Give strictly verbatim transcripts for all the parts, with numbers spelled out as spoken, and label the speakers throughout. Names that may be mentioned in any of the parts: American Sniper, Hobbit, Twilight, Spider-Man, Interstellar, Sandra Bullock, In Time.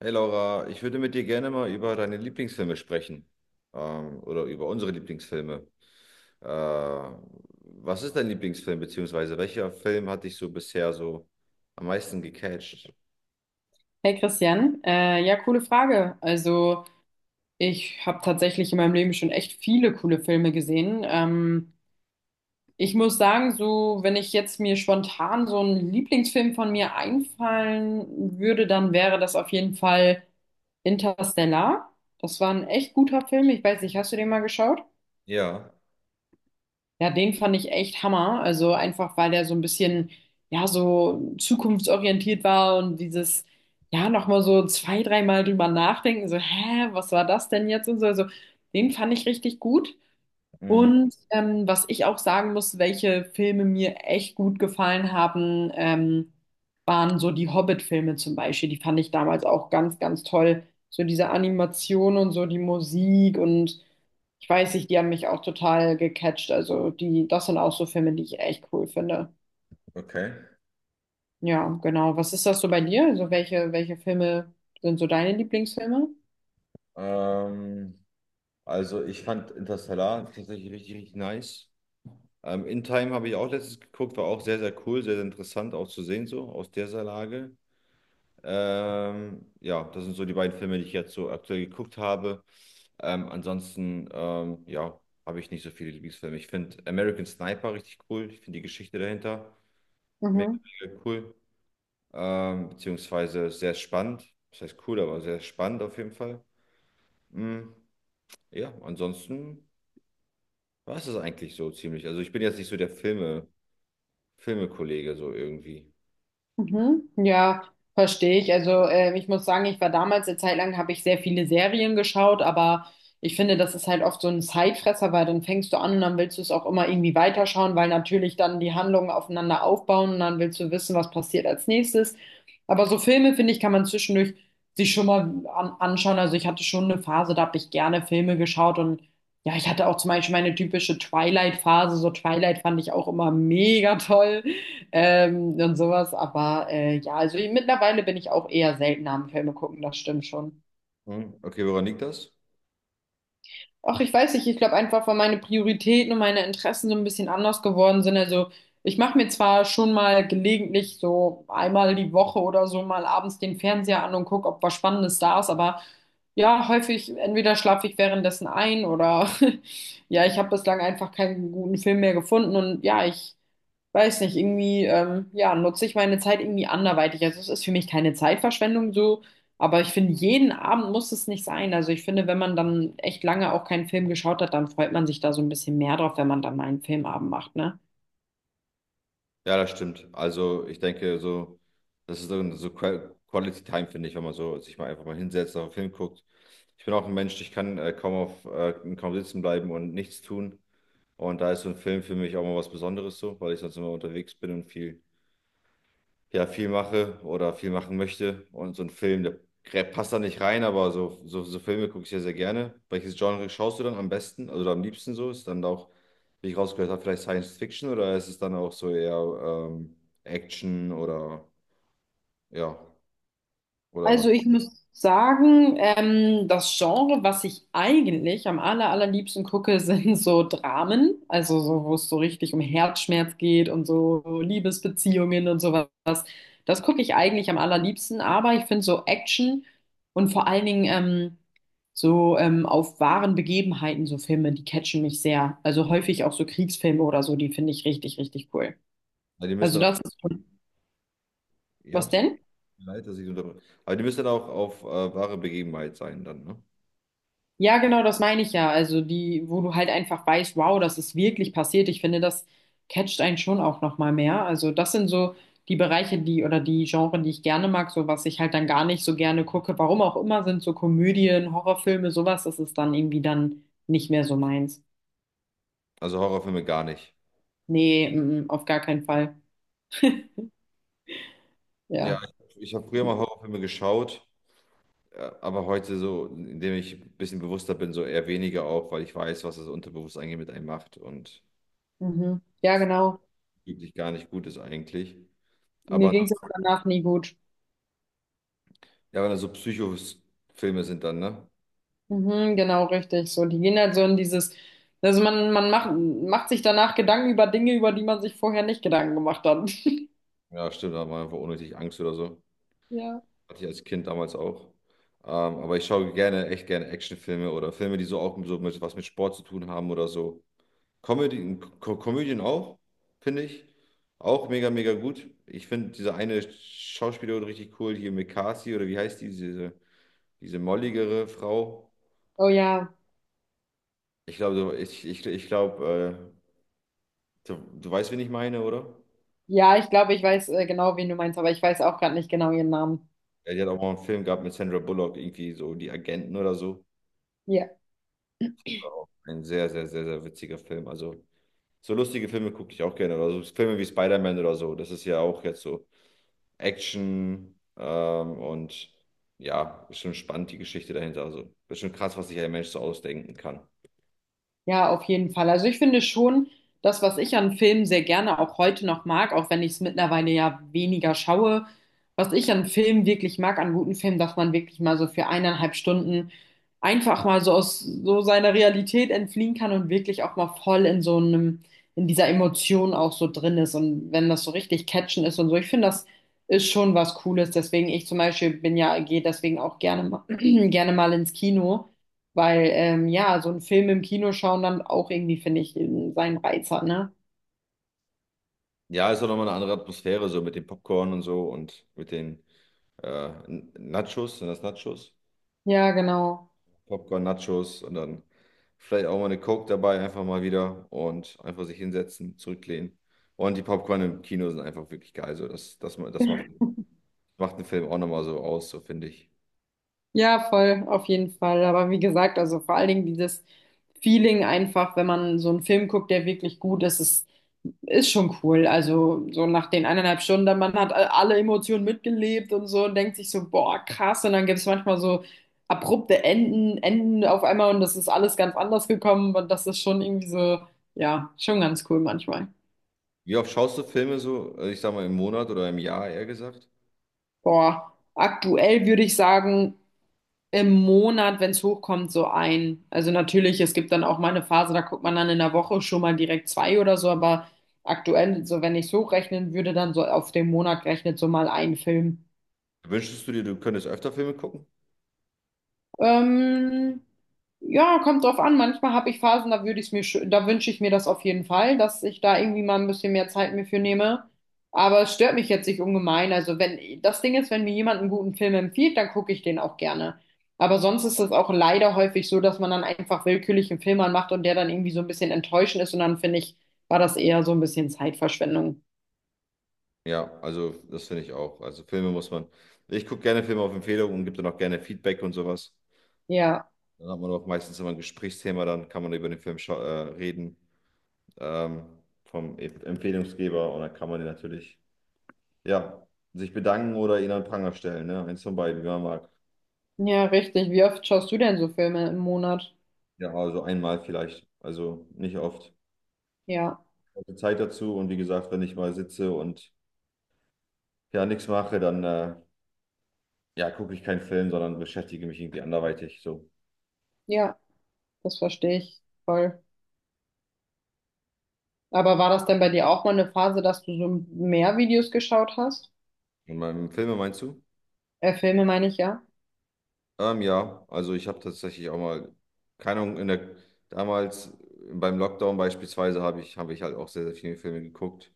Speaker 1: Hey Laura, ich würde mit dir gerne mal über deine Lieblingsfilme sprechen. Ähm, oder über unsere Lieblingsfilme. Äh, was ist dein Lieblingsfilm, beziehungsweise welcher Film hat dich so bisher so am meisten gecatcht?
Speaker 2: Hey Christian, äh, ja, coole Frage. Also ich habe tatsächlich in meinem Leben schon echt viele coole Filme gesehen. Ähm, ich muss sagen, so wenn ich jetzt mir spontan so einen Lieblingsfilm von mir einfallen würde, dann wäre das auf jeden Fall Interstellar. Das war ein echt guter Film. Ich weiß nicht, hast du den mal geschaut?
Speaker 1: Ja,
Speaker 2: Ja, den fand ich echt Hammer. Also einfach, weil der so ein bisschen, ja, so zukunftsorientiert war und dieses, ja, nochmal so zwei, dreimal drüber nachdenken, so, hä, was war das denn jetzt und so. Also den fand ich richtig gut.
Speaker 1: mhm,
Speaker 2: Und ähm, was ich auch sagen muss, welche Filme mir echt gut gefallen haben, ähm, waren so die Hobbit-Filme zum Beispiel. Die fand ich damals auch ganz, ganz toll. So diese Animation und so die Musik und ich weiß nicht, die haben mich auch total gecatcht. Also die, das sind auch so Filme, die ich echt cool finde.
Speaker 1: okay.
Speaker 2: Ja, genau. Was ist das so bei dir? Also welche, welche Filme sind so deine Lieblingsfilme?
Speaker 1: Ähm, also ich fand Interstellar tatsächlich richtig, richtig nice. Ähm, In Time habe ich auch letztens geguckt, war auch sehr, sehr cool, sehr, sehr interessant auch zu sehen, so aus dieser Lage. Ähm, ja, das sind so die beiden Filme, die ich jetzt so aktuell geguckt habe. Ähm, ansonsten, ähm, ja, habe ich nicht so viele Lieblingsfilme. Ich finde American Sniper richtig cool. Ich finde die Geschichte dahinter mega,
Speaker 2: Mhm.
Speaker 1: mega cool. Ähm, beziehungsweise sehr spannend. Das heißt cool, aber sehr spannend auf jeden Fall. Mm, ja, ansonsten war es das eigentlich so ziemlich. Also ich bin jetzt nicht so der Filme, Filmekollege so irgendwie.
Speaker 2: Mhm. Ja, verstehe ich. Also äh, ich muss sagen, ich war damals eine Zeit lang, habe ich sehr viele Serien geschaut, aber ich finde, das ist halt oft so ein Zeitfresser, weil dann fängst du an und dann willst du es auch immer irgendwie weiterschauen, weil natürlich dann die Handlungen aufeinander aufbauen und dann willst du wissen, was passiert als nächstes. Aber so Filme, finde ich, kann man zwischendurch sich schon mal an anschauen. Also ich hatte schon eine Phase, da habe ich gerne Filme geschaut und ja, ich hatte auch zum Beispiel meine typische Twilight-Phase. So Twilight fand ich auch immer mega toll ähm, und sowas. Aber äh, ja, also mittlerweile bin ich auch eher seltener am Filme gucken, das stimmt schon.
Speaker 1: Hm, okay, woran liegt das?
Speaker 2: Ach, ich weiß nicht, ich glaube einfach, weil meine Prioritäten und meine Interessen so ein bisschen anders geworden sind. Also ich mache mir zwar schon mal gelegentlich so einmal die Woche oder so mal abends den Fernseher an und gucke, ob was Spannendes da ist, aber ja, häufig entweder schlafe ich währenddessen ein oder ja, ich habe bislang einfach keinen guten Film mehr gefunden und ja, ich weiß nicht, irgendwie, ähm, ja, nutze ich meine Zeit irgendwie anderweitig. Also es ist für mich keine Zeitverschwendung so, aber ich finde, jeden Abend muss es nicht sein. Also ich finde, wenn man dann echt lange auch keinen Film geschaut hat, dann freut man sich da so ein bisschen mehr drauf, wenn man dann mal einen Filmabend macht, ne?
Speaker 1: Ja, das stimmt. Also ich denke, so, das ist so so Qua- Quality Time, finde ich, wenn man so sich mal einfach mal hinsetzt, auf einen Film guckt. Ich bin auch ein Mensch, ich kann äh, kaum auf äh, kaum sitzen bleiben und nichts tun. Und da ist so ein Film für mich auch mal was Besonderes so, weil ich sonst immer unterwegs bin und viel ja, viel mache oder viel machen möchte. Und so ein Film, der grä- passt da nicht rein, aber so, so, so Filme gucke ich sehr sehr gerne. Welches Genre schaust du dann am besten, also am liebsten so? Ist dann auch, wie ich rausgehört habe, vielleicht Science Fiction oder ist es dann auch so eher ähm, Action oder ja, oder was?
Speaker 2: Also ich muss sagen, ähm, das Genre, was ich eigentlich am aller, allerliebsten gucke, sind so Dramen, also so, wo es so richtig um Herzschmerz geht und so Liebesbeziehungen und sowas. Das gucke ich eigentlich am allerliebsten, aber ich finde so Action und vor allen Dingen ähm, so ähm, auf wahren Begebenheiten so Filme, die catchen mich sehr. Also häufig auch so Kriegsfilme oder so, die finde ich richtig, richtig cool.
Speaker 1: Ja, die
Speaker 2: Also
Speaker 1: müssen dann,
Speaker 2: das ist schon,
Speaker 1: ja,
Speaker 2: was
Speaker 1: es tut
Speaker 2: denn?
Speaker 1: mir leid, dass ich so unterbreche. Aber die müssen dann auch auf äh, wahre Begebenheit sein dann, ne?
Speaker 2: Ja, genau, das meine ich ja. Also die, wo du halt einfach weißt, wow, das ist wirklich passiert. Ich finde, das catcht einen schon auch noch mal mehr. Also das sind so die Bereiche, die oder die Genre, die ich gerne mag, so was ich halt dann gar nicht so gerne gucke. Warum auch immer sind so Komödien, Horrorfilme, sowas, das ist dann irgendwie dann nicht mehr so meins.
Speaker 1: Also Horrorfilme gar nicht.
Speaker 2: Nee, mm, mm, auf gar keinen Fall.
Speaker 1: Ja,
Speaker 2: Ja.
Speaker 1: ich, ich habe früher mal Horrorfilme geschaut. Ja, aber heute so, indem ich ein bisschen bewusster bin, so eher weniger auch, weil ich weiß, was das Unterbewusstsein eigentlich mit einem macht und
Speaker 2: Mhm. Ja, genau.
Speaker 1: wirklich gar nicht gut ist eigentlich.
Speaker 2: Mir
Speaker 1: Aber
Speaker 2: ging es danach nie gut.
Speaker 1: ja, wenn das so Psychofilme sind dann, ne?
Speaker 2: Mhm, genau, richtig. So, die gehen halt so in dieses, also man, man macht, macht sich danach Gedanken über Dinge, über die man sich vorher nicht Gedanken gemacht hat.
Speaker 1: Ja, stimmt, da hat man einfach unnötig Angst oder so.
Speaker 2: Ja.
Speaker 1: Hatte ich als Kind damals auch. Ähm, aber ich schaue gerne, echt gerne Actionfilme oder Filme, die so auch so mit, was mit Sport zu tun haben oder so. Comedy, Co Komödien auch, finde ich. Auch mega, mega gut. Ich finde diese eine Schauspielerin richtig cool, hier Mekasi oder wie heißt die, diese, diese molligere Frau.
Speaker 2: Oh ja.
Speaker 1: Ich glaube, du- ich, ich, ich glaube, äh, du, du weißt, wen ich meine, oder?
Speaker 2: Ja, ich glaube, ich weiß äh, genau, wen du meinst, aber ich weiß auch gerade nicht genau ihren Namen.
Speaker 1: Ja, die hat auch mal einen Film gehabt mit Sandra Bullock, irgendwie so Die Agenten oder so.
Speaker 2: Ja.
Speaker 1: War auch ein sehr, sehr, sehr, sehr witziger Film. Also so lustige Filme gucke ich auch gerne. Oder so Filme wie Spider-Man oder so. Das ist ja auch jetzt so. Action ähm, und ja, ist schon spannend die Geschichte dahinter. Also ist schon krass, was sich ein Mensch so ausdenken kann.
Speaker 2: Ja, auf jeden Fall. Also ich finde schon, das, was ich an Filmen sehr gerne auch heute noch mag, auch wenn ich es mittlerweile ja weniger schaue, was ich an Filmen wirklich mag, an guten Filmen, dass man wirklich mal so für eineinhalb Stunden einfach mal so aus so seiner Realität entfliehen kann und wirklich auch mal voll in so einem, in dieser Emotion auch so drin ist. Und wenn das so richtig catchen ist und so, ich finde, das ist schon was Cooles. Deswegen, ich zum Beispiel bin ja, gehe deswegen auch gerne, mal- gerne mal ins Kino. Weil, ähm, ja, so einen Film im Kino schauen dann auch irgendwie, finde ich, ähm, seinen Reiz hat, ne?
Speaker 1: Ja, ist auch nochmal eine andere Atmosphäre, so mit dem Popcorn und so und mit den äh, N- Nachos, sind das Nachos?
Speaker 2: Ja, genau.
Speaker 1: Popcorn, Nachos und dann vielleicht auch mal eine Coke dabei, einfach mal wieder und einfach sich hinsetzen, zurücklehnen. Und die Popcorn im Kino sind einfach wirklich geil. So, das, das, ma- das macht, macht einen Film auch nochmal so aus, so finde ich.
Speaker 2: Ja, voll, auf jeden Fall. Aber wie gesagt, also vor allen Dingen dieses Feeling einfach, wenn man so einen Film guckt, der wirklich gut ist, ist, ist schon cool. Also so nach den eineinhalb Stunden, dann man hat alle Emotionen mitgelebt und so und denkt sich so, boah, krass. Und dann gibt es manchmal so abrupte Enden, Enden auf einmal und das ist alles ganz anders gekommen und das ist schon irgendwie so, ja, schon ganz cool manchmal.
Speaker 1: Wie oft schaust du Filme so, äh, ich sag mal im Monat oder im Jahr eher gesagt?
Speaker 2: Boah, aktuell würde ich sagen, im Monat, wenn es hochkommt, so ein. Also natürlich, es gibt dann auch mal eine Phase, da guckt man dann in der Woche schon mal direkt zwei oder so, aber aktuell, so wenn ich es hochrechnen würde, dann so auf den Monat gerechnet so mal ein Film.
Speaker 1: Wünschst du dir, du könntest öfter Filme gucken?
Speaker 2: Ähm, ja, kommt drauf an. Manchmal habe ich Phasen, da würde ich mir, schö- da wünsche ich mir das auf jeden Fall, dass ich da irgendwie mal ein bisschen mehr Zeit mir für nehme. Aber es stört mich jetzt nicht ungemein. Also wenn, das Ding ist, wenn mir jemand einen guten Film empfiehlt, dann gucke ich den auch gerne. Aber sonst ist es auch leider häufig so, dass man dann einfach willkürlich einen Film anmacht und der dann irgendwie so ein bisschen enttäuschend ist. Und dann finde ich, war das eher so ein bisschen Zeitverschwendung.
Speaker 1: Ja, also das finde ich auch. Also Filme muss man. Ich gucke gerne Filme auf Empfehlung und gebe dann auch gerne Feedback und sowas.
Speaker 2: Ja,
Speaker 1: Dann hat man auch meistens immer ein Gesprächsthema, dann kann man über den Film schau- äh, reden ähm, vom E- Empfehlungsgeber und dann kann man den natürlich, ja, sich bedanken oder ihn an den Pranger stellen, ne? Eins von beiden, wie man mag.
Speaker 2: ja, richtig. Wie oft schaust du denn so Filme im Monat?
Speaker 1: Ja, also einmal vielleicht, also nicht oft.
Speaker 2: Ja,
Speaker 1: Also Zeit dazu und wie gesagt, wenn ich mal sitze und ja nichts mache, dann äh, ja, gucke ich keinen Film, sondern beschäftige mich irgendwie anderweitig so.
Speaker 2: ja, das verstehe ich voll. Aber war das denn bei dir auch mal eine Phase, dass du so mehr Videos geschaut hast?
Speaker 1: In meinem Filme meinst du?
Speaker 2: Äh, Filme meine ich, ja.
Speaker 1: Ähm, ja, also ich habe tatsächlich auch mal, keine Ahnung, in der, damals beim Lockdown beispielsweise habe ich, habe ich halt auch sehr, sehr viele Filme geguckt,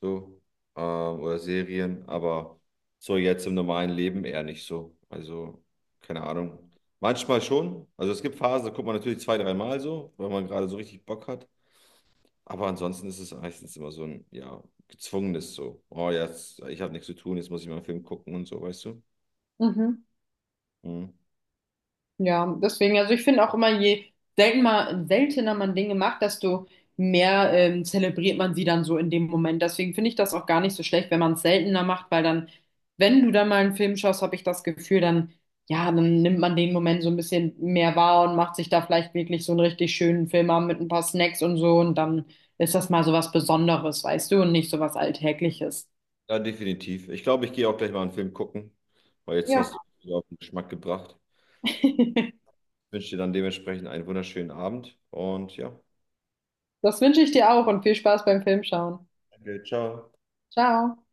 Speaker 1: so, ähm, oder Serien, aber so jetzt im normalen Leben eher nicht so. Also, keine Ahnung. Manchmal schon. Also es gibt Phasen, da guckt man natürlich zwei, dreimal so, weil man gerade so richtig Bock hat. Aber ansonsten ist es meistens immer so ein, ja, gezwungenes so. Oh, jetzt, ich habe nichts zu tun, jetzt muss ich mal einen Film gucken und so, weißt du?
Speaker 2: Mhm.
Speaker 1: Mhm.
Speaker 2: Ja, deswegen, also ich finde auch immer, je selten mal, seltener man Dinge macht, desto mehr ähm, zelebriert man sie dann so in dem Moment. Deswegen finde ich das auch gar nicht so schlecht, wenn man es seltener macht, weil dann, wenn du dann mal einen Film schaust, habe ich das Gefühl, dann, ja, dann nimmt man den Moment so ein bisschen mehr wahr und macht sich da vielleicht wirklich so einen richtig schönen Film an mit ein paar Snacks und so und dann ist das mal so was Besonderes, weißt du, und nicht so was Alltägliches.
Speaker 1: Ja, definitiv. Ich glaube, ich gehe auch gleich mal einen Film gucken, weil jetzt hast du
Speaker 2: Ja.
Speaker 1: mich wieder auf den Geschmack gebracht. Ich wünsche dir dann dementsprechend einen wunderschönen Abend und ja,
Speaker 2: Das wünsche ich dir auch und viel Spaß beim Filmschauen.
Speaker 1: danke, ciao.
Speaker 2: Ciao.